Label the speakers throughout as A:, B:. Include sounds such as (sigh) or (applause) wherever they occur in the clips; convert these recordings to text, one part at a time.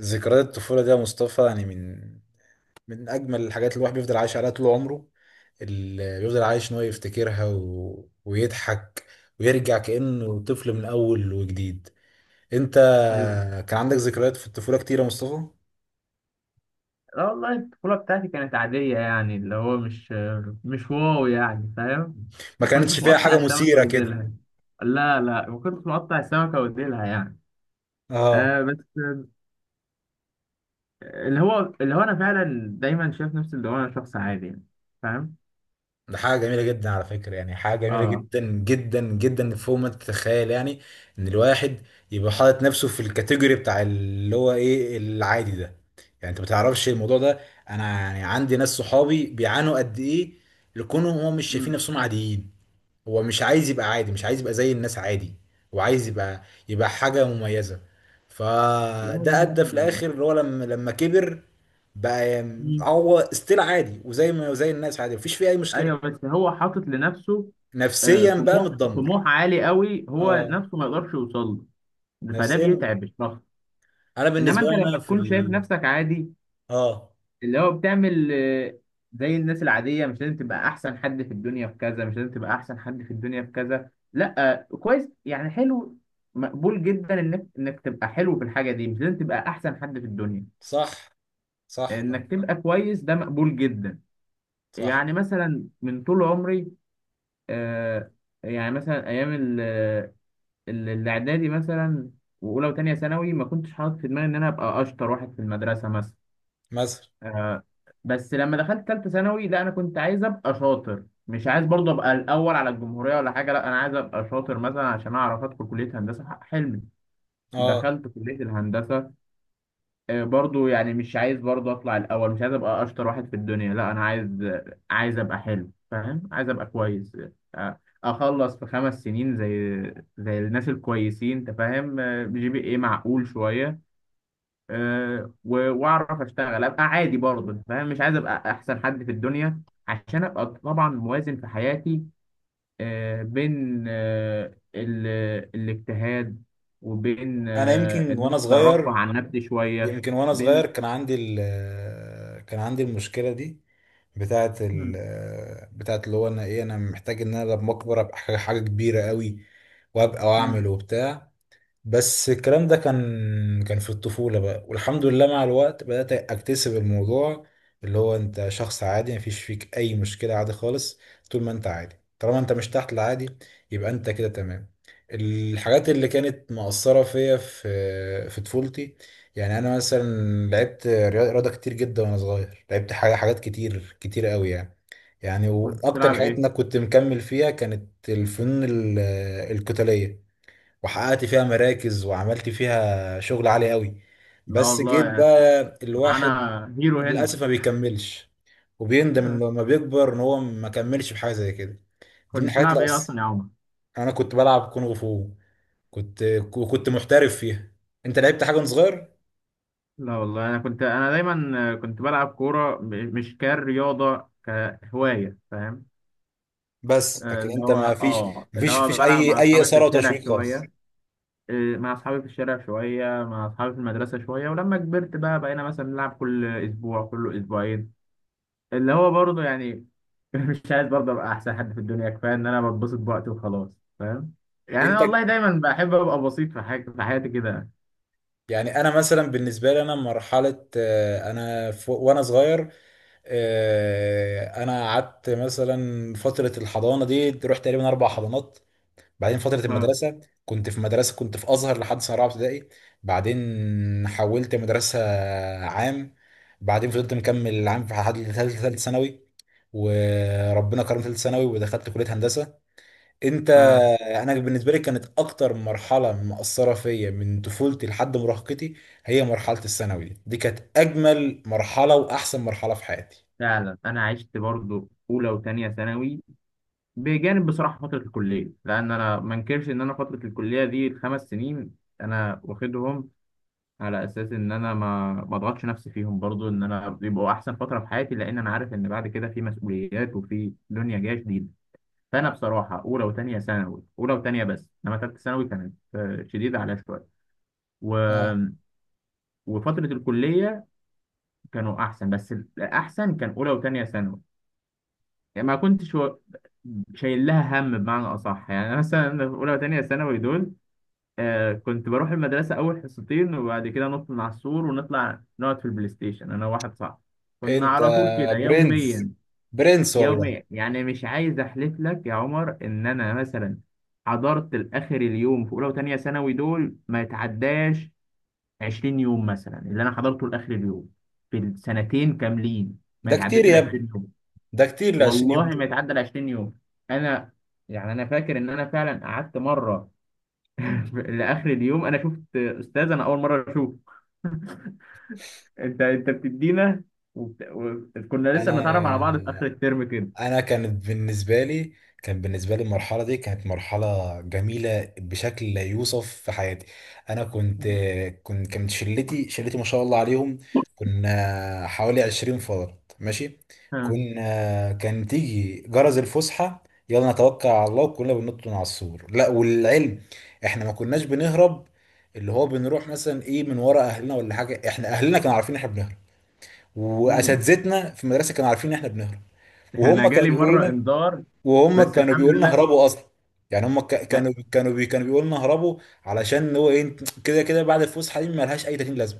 A: ذكريات الطفولة دي يا مصطفى يعني من أجمل الحاجات اللي الواحد بيفضل عايش عليها طول عمره، اللي بيفضل عايش إن هو يفتكرها ويضحك ويرجع كأنه طفل من أول وجديد. أنت
B: ايوه.
A: كان عندك ذكريات في الطفولة كتير يا مصطفى؟
B: لا والله البطولة بتاعتي كانت عادية، يعني اللي هو مش واو، يعني، فاهم؟
A: ما
B: ما كنتش
A: كانتش فيها
B: مقطع
A: حاجة
B: السمكة
A: مثيرة كده.
B: وديلها. لا، لا، ما كنتش مقطع السمكة وديلها يعني.
A: اه،
B: آه، بس اللي هو انا فعلا دايما شايف نفسي، اللي هو انا شخص عادي، يعني، فاهم؟
A: ده حاجة جميلة جدا على فكرة، يعني حاجة جميلة
B: اه.
A: جدا جدا جدا فوق ما تتخيل يعني. ان الواحد يبقى حاطط نفسه في الكاتيجوري بتاع اللي هو ايه، العادي ده. يعني انت ما تعرفش الموضوع ده، انا يعني عندي ناس صحابي بيعانوا قد ايه لكونهم هم مش شايفين
B: مم.
A: نفسهم عاديين. هو مش عايز يبقى عادي، مش عايز يبقى زي الناس عادي، هو عايز يبقى حاجة مميزة.
B: لا
A: فده
B: والله
A: ادى في
B: الواحد يعني.
A: الاخر اللي هو لما كبر، بقى يعني
B: مم.
A: هو ستيل عادي وزي ما زي الناس عادي، مفيش فيه اي مشكلة.
B: ايوه، بس هو حاطط لنفسه آه،
A: نفسيا بقى
B: طموح
A: متدمر.
B: طموح عالي قوي، هو
A: اه،
B: نفسه ما يقدرش يوصل له، فده
A: نفسيا.
B: بيتعب الشخص.
A: انا
B: انما
A: بالنسبه
B: انت
A: لي
B: لما
A: انا في
B: تكون شايف نفسك عادي،
A: اه،
B: اللي هو بتعمل زي الناس العادية، مش لازم تبقى أحسن حد في الدنيا في كذا، مش لازم تبقى أحسن حد في الدنيا في كذا، لأ آه، كويس يعني، حلو، مقبول جدا، إنك تبقى حلو في الحاجة دي، مش لازم تبقى أحسن حد في الدنيا،
A: صح، صح طبعا،
B: إنك تبقى كويس ده مقبول جدا.
A: صح.
B: يعني مثلا من طول عمري آه، يعني مثلا أيام الإعدادي مثلا، وأولى وتانية ثانوي ما كنتش حاطط في دماغي إن أنا أبقى أشطر واحد في المدرسة مثلا،
A: مثلا،
B: آه، بس لما دخلت ثالثه ثانوي لا انا كنت عايز ابقى شاطر، مش عايز برضه ابقى الاول على الجمهوريه ولا حاجه، لا انا عايز ابقى شاطر مثلا عشان اعرف ادخل كليه هندسه حلمي.
A: اه.
B: دخلت كليه الهندسه. برضه يعني مش عايز برضه اطلع الاول، مش عايز ابقى اشطر واحد في الدنيا، لا انا عايز، عايز ابقى حلو، فاهم، عايز ابقى كويس، اخلص في خمس سنين زي الناس الكويسين، انت فاهم، جي بي ايه معقول شويه، واعرف اشتغل ابقى عادي برضه، فاهم، مش عايز ابقى احسن حد في الدنيا عشان ابقى طبعا موازن في حياتي، بين الاجتهاد، وبين
A: انا يمكن
B: ان انا
A: وانا
B: اقدر ارفه
A: صغير،
B: عن نفسي شويه.
A: يمكن وانا
B: بين،
A: صغير كان عندي كان عندي المشكله دي، بتاعه ال...
B: مم،
A: بتاعه اللي هو انا ايه، انا محتاج ان انا لما اكبر ابقى حاجه، حاجة كبيره قوي وابقى
B: مم.
A: واعمل وبتاع. بس الكلام ده كان في الطفولة بقى، والحمد لله مع الوقت بدأت أكتسب الموضوع، اللي هو أنت شخص عادي مفيش فيك أي مشكلة عادي خالص. طول ما أنت عادي، طالما أنت مش تحت العادي، يبقى أنت كده تمام. الحاجات اللي كانت مؤثرة فيا في طفولتي، يعني أنا مثلا لعبت رياضة كتير جدا وأنا صغير، لعبت حاجة، حاجات كتير قوي يعني. يعني
B: كنت
A: وأكتر
B: بتلعب
A: الحاجات
B: ايه؟
A: اللي أنا كنت مكمل فيها كانت الفنون القتالية، وحققت فيها مراكز وعملت فيها شغل عالي قوي.
B: لا
A: بس
B: والله
A: جيت
B: يعني
A: بقى، الواحد
B: معانا هيرو هنا.
A: للأسف ما بيكملش، وبيندم
B: آه،
A: انه لما بيكبر ان هو ما كملش في حاجة زي كده. دي من
B: كنت
A: الحاجات
B: بتلعب
A: اللي
B: ايه اصلا
A: أصلا،
B: يا عمر؟
A: انا كنت بلعب كونغ فو، كنت كنت محترف فيها. انت لعبت حاجة وأنت صغير؟
B: لا والله انا كنت انا دايما كنت بلعب كوره، مش كرياضه كهوايه، فاهم،
A: بس لكن
B: اللي
A: انت
B: هو
A: ما فيش،
B: اه،
A: ما
B: اللي
A: فيش ما
B: هو
A: فيش
B: بلعب مع
A: اي
B: اصحابي في
A: إثارة
B: الشارع
A: وتشويق
B: شويه،
A: خالص.
B: مع اصحابي في الشارع شويه، مع اصحابي في المدرسه شويه، ولما كبرت بقى بقينا مثلا نلعب كل اسبوع كل اسبوعين، اللي هو برضه يعني (laughs) مش عايز برضه ابقى احسن حد في الدنيا، كفايه ان انا بتبسط بوقتي وخلاص، فاهم، يعني انا
A: انت
B: والله دايما بحب ابقى بسيط في حاجه في حياتي كده.
A: يعني انا مثلا بالنسبة لي انا مرحلة انا وانا صغير، انا قعدت مثلا فتره الحضانه دي، رحت تقريبا 4 حضانات. بعدين فتره
B: اه.
A: المدرسه، كنت في مدرسه، كنت في ازهر لحد سنه رابعه ابتدائي. بعدين حولت مدرسه عام. بعدين فضلت مكمل العام في لحد ثالث ثانوي، وربنا كرم ثالث ثانوي ودخلت كليه هندسه. انت،
B: اه،
A: انا بالنسبه لي كانت اكتر مرحله مؤثره فيا من طفولتي لحد مراهقتي، هي مرحله الثانوي دي. دي كانت اجمل مرحله واحسن مرحله في حياتي.
B: فعلا انا عشت برضه اولى وثانيه ثانوي بجانب بصراحه فتره الكليه، لان انا ما انكرش ان انا فتره الكليه دي الخمس سنين انا واخدهم على اساس ان انا ما اضغطش نفسي فيهم برضو، ان انا يبقوا احسن فتره في حياتي، لان انا عارف ان بعد كده في مسؤوليات وفي دنيا جايه جديده. فانا بصراحه اولى وثانيه ثانوي، اولى وثانيه بس، انما ثالثه ثانوي كانت شديده عليا شويه و... وفتره الكليه كانوا احسن، بس الاحسن كان اولى وثانيه ثانوي، يعني ما كنتش شايل لها هم بمعنى اصح، يعني أنا مثلا في اولى وثانيه ثانوي دول آه، كنت بروح المدرسة أول حصتين وبعد كده نط من على السور ونطلع نقعد في البلاي ستيشن، أنا وواحد صاحبي، كنا
A: انت
B: على طول كده
A: برنس،
B: يوميا.
A: برنس والله.
B: يوميا، يعني مش عايز أحلف لك يا عمر إن أنا مثلا حضرت لآخر اليوم في أولى وتانية ثانوي دول ما يتعداش 20 يوم مثلا، اللي أنا حضرته لآخر اليوم في السنتين كاملين ما
A: ده كتير
B: يتعداش ال
A: يا ابني،
B: 20 يوم.
A: ده كتير ل 20
B: والله
A: يوم
B: ما
A: دول.
B: يتعدى ال 20 يوم. أنا، يعني أنا فاكر إن أنا فعلا قعدت مرة (laughs) لاخر اليوم، انا شفت استاذ انا اول مره اشوفه. (laughs) انت بتدينا وبت... و... كنا لسه
A: انا،
B: بنتعرف على بعض في اخر الترم كده.
A: انا كانت بالنسبه لي كان بالنسبه لي المرحله دي كانت مرحله جميله بشكل لا يوصف في حياتي. انا كنت كنت كانت شلتي، شلتي ما شاء الله عليهم، كنا حوالي 20 فرد ماشي.
B: ها.
A: كان تيجي جرس الفسحه، يلا نتوكل على الله وكلنا بننط من على السور. لا والعلم احنا ما كناش بنهرب، اللي هو بنروح مثلا ايه من ورا اهلنا ولا حاجه، احنا اهلنا كانوا عارفين إن احنا بنهرب،
B: مم.
A: واساتذتنا في المدرسه كانوا عارفين ان احنا بنهرب. وهم
B: انا
A: كانوا
B: جالي
A: بيقولوا
B: مره
A: لنا،
B: انذار،
A: وهم
B: بس
A: كانوا
B: الحمد
A: بيقولوا لنا
B: لله.
A: هربوا اصلا. يعني هم
B: لا،
A: كانوا بيقولوا لنا هربوا، علشان هو ايه، كده كده بعد الفسحه دي مالهاش اي 30 لازمه.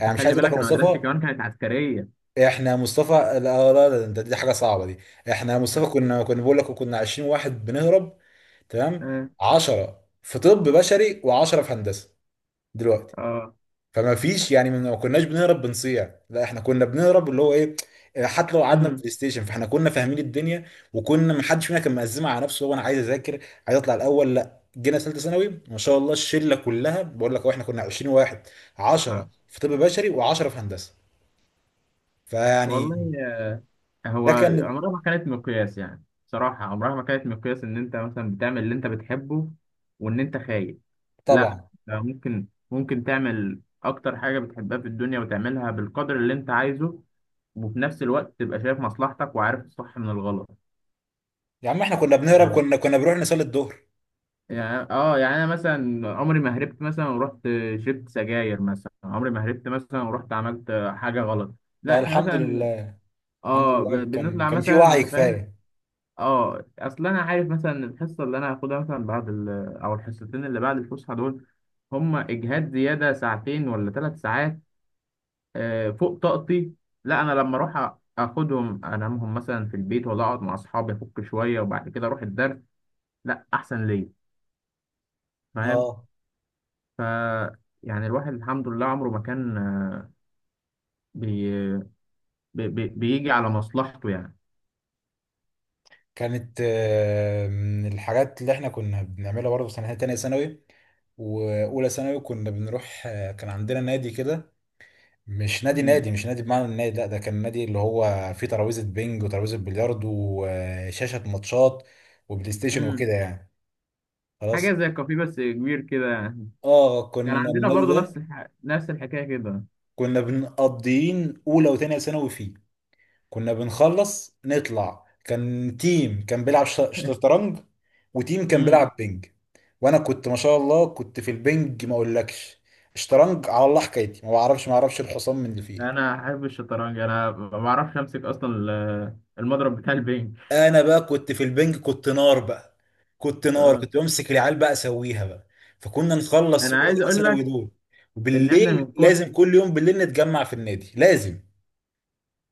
A: يعني مش
B: خلي
A: عايز اقول لك
B: بالك
A: يا
B: انا مدرستي
A: مصطفى،
B: كمان كانت عسكريه.
A: احنا يا مصطفى، لا دي حاجه صعبه دي. احنا يا مصطفى كنا بقول لك، كنا 20 واحد بنهرب، تمام؟
B: اه.
A: 10 في طب بشري و10 في هندسه. دلوقتي،
B: اه.
A: فما فيش يعني ما كناش بنهرب بنصيع، لا احنا كنا بنهرب اللي هو ايه، حتى لو قعدنا
B: مم.
A: بلاي ستيشن فاحنا كنا فاهمين الدنيا. وكنا ما حدش فينا كان مقزمه على نفسه هو انا عايز اذاكر، عايز اطلع الاول. لا جينا ثالثه ثانوي ما شاء الله الشله كلها، بقول لك هو احنا كنا 20 واحد، 10
B: آه.
A: في طب بشري و10 في هندسه. فيعني
B: والله هو
A: ده كان
B: عمرها ما كانت مقياس، يعني صراحة عمرها ما كانت مقياس إن أنت مثلا بتعمل اللي أنت بتحبه وإن أنت خايف، لا
A: طبعا.
B: ده ممكن ممكن تعمل أكتر حاجة بتحبها في الدنيا وتعملها بالقدر اللي أنت عايزه، وفي نفس الوقت تبقى شايف مصلحتك وعارف الصح من الغلط.
A: يا عم احنا كنا بنهرب،
B: آه،
A: كنا بنروح نصلي الظهر.
B: يعني اه، يعني انا مثلا عمري ما هربت مثلا ورحت شربت سجاير مثلا، عمري ما هربت مثلا ورحت عملت حاجه غلط، لا
A: لا
B: احنا
A: الحمد
B: مثلا
A: لله، الحمد
B: اه
A: لله كان
B: بنطلع
A: كان في
B: مثلا،
A: وعي
B: انت فاهم،
A: كفايه.
B: اه اصل انا عارف مثلا إن الحصه اللي انا هاخدها مثلا بعد او الحصتين اللي بعد الفسحه دول، هم اجهاد زياده ساعتين ولا ثلاث ساعات فوق طاقتي، لا انا لما اروح اخدهم انامهم مثلا في البيت، ولا اقعد مع اصحابي افك شويه وبعد كده اروح الدرس، لا احسن ليا، فاهم،
A: اه،
B: ف يعني الواحد الحمد لله عمره ما كان بي... بيجي على مصلحته يعني.
A: كانت من الحاجات اللي احنا كنا بنعملها برضه في سنة تانية ثانوي وأولى ثانوي، كنا بنروح كان عندنا نادي كده. مش نادي
B: مم.
A: نادي، مش نادي بمعنى النادي، لا ده كان نادي اللي هو فيه ترابيزة بينج وترابيزة بلياردو، وشاشة ماتشات وبلاي ستيشن
B: امم،
A: وكده يعني.
B: حاجه
A: خلاص،
B: زي الكافيه بس كبير كده يعني.
A: اه
B: كان
A: كنا
B: عندنا
A: النادي
B: برضو نفس
A: ده
B: نفس الحكايه كده.
A: كنا بنقضيين أولى وتانية ثانوي فيه. كنا بنخلص نطلع، كان تيم كان بيلعب شطرنج، وتيم كان
B: امم.
A: بيلعب بينج. وانا كنت ما شاء الله كنت في البينج، ما اقولكش. شطرنج على الله حكايتي، ما بعرفش الحصان من الفيل.
B: انا احب الشطرنج. انا ما بعرفش امسك اصلا المضرب بتاع البنج.
A: انا بقى كنت في البنج، كنت نار بقى،
B: آه.
A: كنت بمسك العيال بقى اسويها بقى. فكنا نخلص
B: انا
A: اولى
B: عايز اقول
A: ثانوي
B: لك
A: دول،
B: ان احنا
A: وبالليل
B: من
A: لازم
B: كتر،
A: كل يوم بالليل نتجمع في النادي لازم.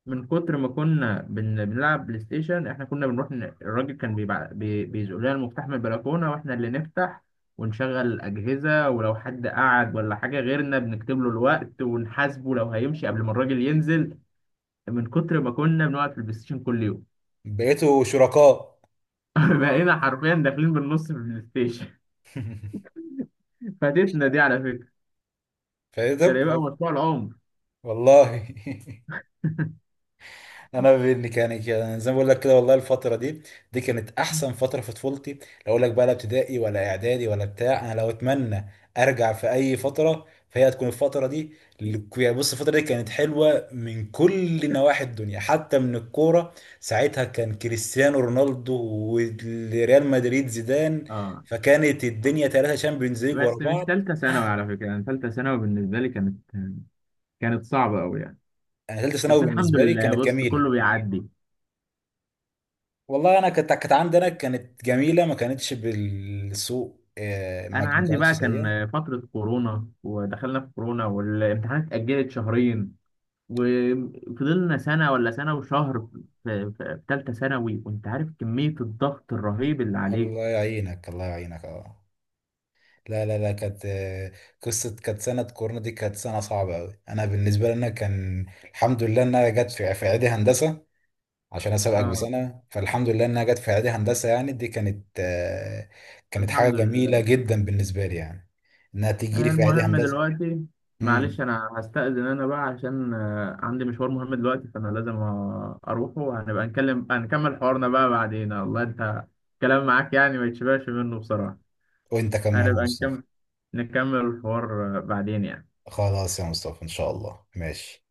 B: من كتر ما كنا بنلعب بلاي ستيشن، احنا كنا بنروح الراجل كان بيزق لنا المفتاح من البلكونه واحنا اللي نفتح ونشغل الاجهزه، ولو حد قعد ولا حاجه غيرنا بنكتب له الوقت ونحاسبه لو هيمشي قبل ما الراجل ينزل، من كتر ما كنا بنقعد في البلاي ستيشن كل يوم.
A: بقيتوا شركاء.
B: (laughs) بقينا حرفيا داخلين بالنص في البلاي ستيشن.
A: (laughs)
B: (laughs) فاتتنا دي على، كان
A: فايتك
B: يبقى مشروع العمر.
A: والله. (laughs) انا بإني كان زي ما بقول لك كده، والله الفتره دي دي كانت احسن فتره في طفولتي. لا اقول لك بقى، لا ابتدائي ولا اعدادي ولا بتاع، انا لو اتمنى ارجع في اي فتره فهي هتكون الفتره دي. يعني بص الفتره دي كانت حلوه من كل نواحي الدنيا، حتى من الكوره. ساعتها كان كريستيانو رونالدو وريال مدريد زيدان،
B: اه،
A: فكانت الدنيا ثلاثه شامبيونز ليج ورا
B: بس مش
A: بعض
B: تالتة ثانوي
A: يا.
B: على فكرة، يعني تالتة ثانوي بالنسبة لي كانت، كانت صعبة أوي يعني،
A: انا ثالثه
B: بس
A: ثانوي
B: الحمد
A: بالنسبه لي
B: لله
A: كانت
B: بص
A: جميله،
B: كله بيعدي.
A: والله انا كانت عندي، انا كانت جميله، ما كانتش بالسوء، ما
B: أنا
A: ما
B: عندي
A: كانتش
B: بقى
A: سيئه.
B: كان فترة كورونا ودخلنا في كورونا والامتحانات اتأجلت شهرين، وفضلنا سنة ولا سنة وشهر في تالتة ثانوي، وأنت عارف كمية الضغط الرهيب اللي عليك.
A: الله يعينك، الله يعينك، اه. لا كانت قصه، كانت سنه كورونا دي، كانت سنه صعبه قوي. انا بالنسبه لي انا كان الحمد لله انها جت في اعدادي هندسه، عشان اسابقك
B: اه.
A: بسنه. فالحمد لله انها جت في اعدادي هندسه يعني، دي كانت كانت حاجه
B: الحمد
A: جميله
B: لله.
A: جدا بالنسبه لي يعني، انها تيجي لي في اعدادي
B: المهم
A: هندسه.
B: دلوقتي، معلش
A: امم،
B: انا هستأذن انا بقى عشان عندي مشوار مهم دلوقتي، فانا لازم اروحه، وهنبقى نكلم هنكمل حوارنا بقى بعدين، والله انت كلام معاك يعني ما يتشبعش منه بصراحة،
A: وانت كمان يا
B: هنبقى
A: مصطفى.
B: نكمل، نكمل الحوار بعدين يعني.
A: خلاص يا مصطفى ان شاء الله، ماشي.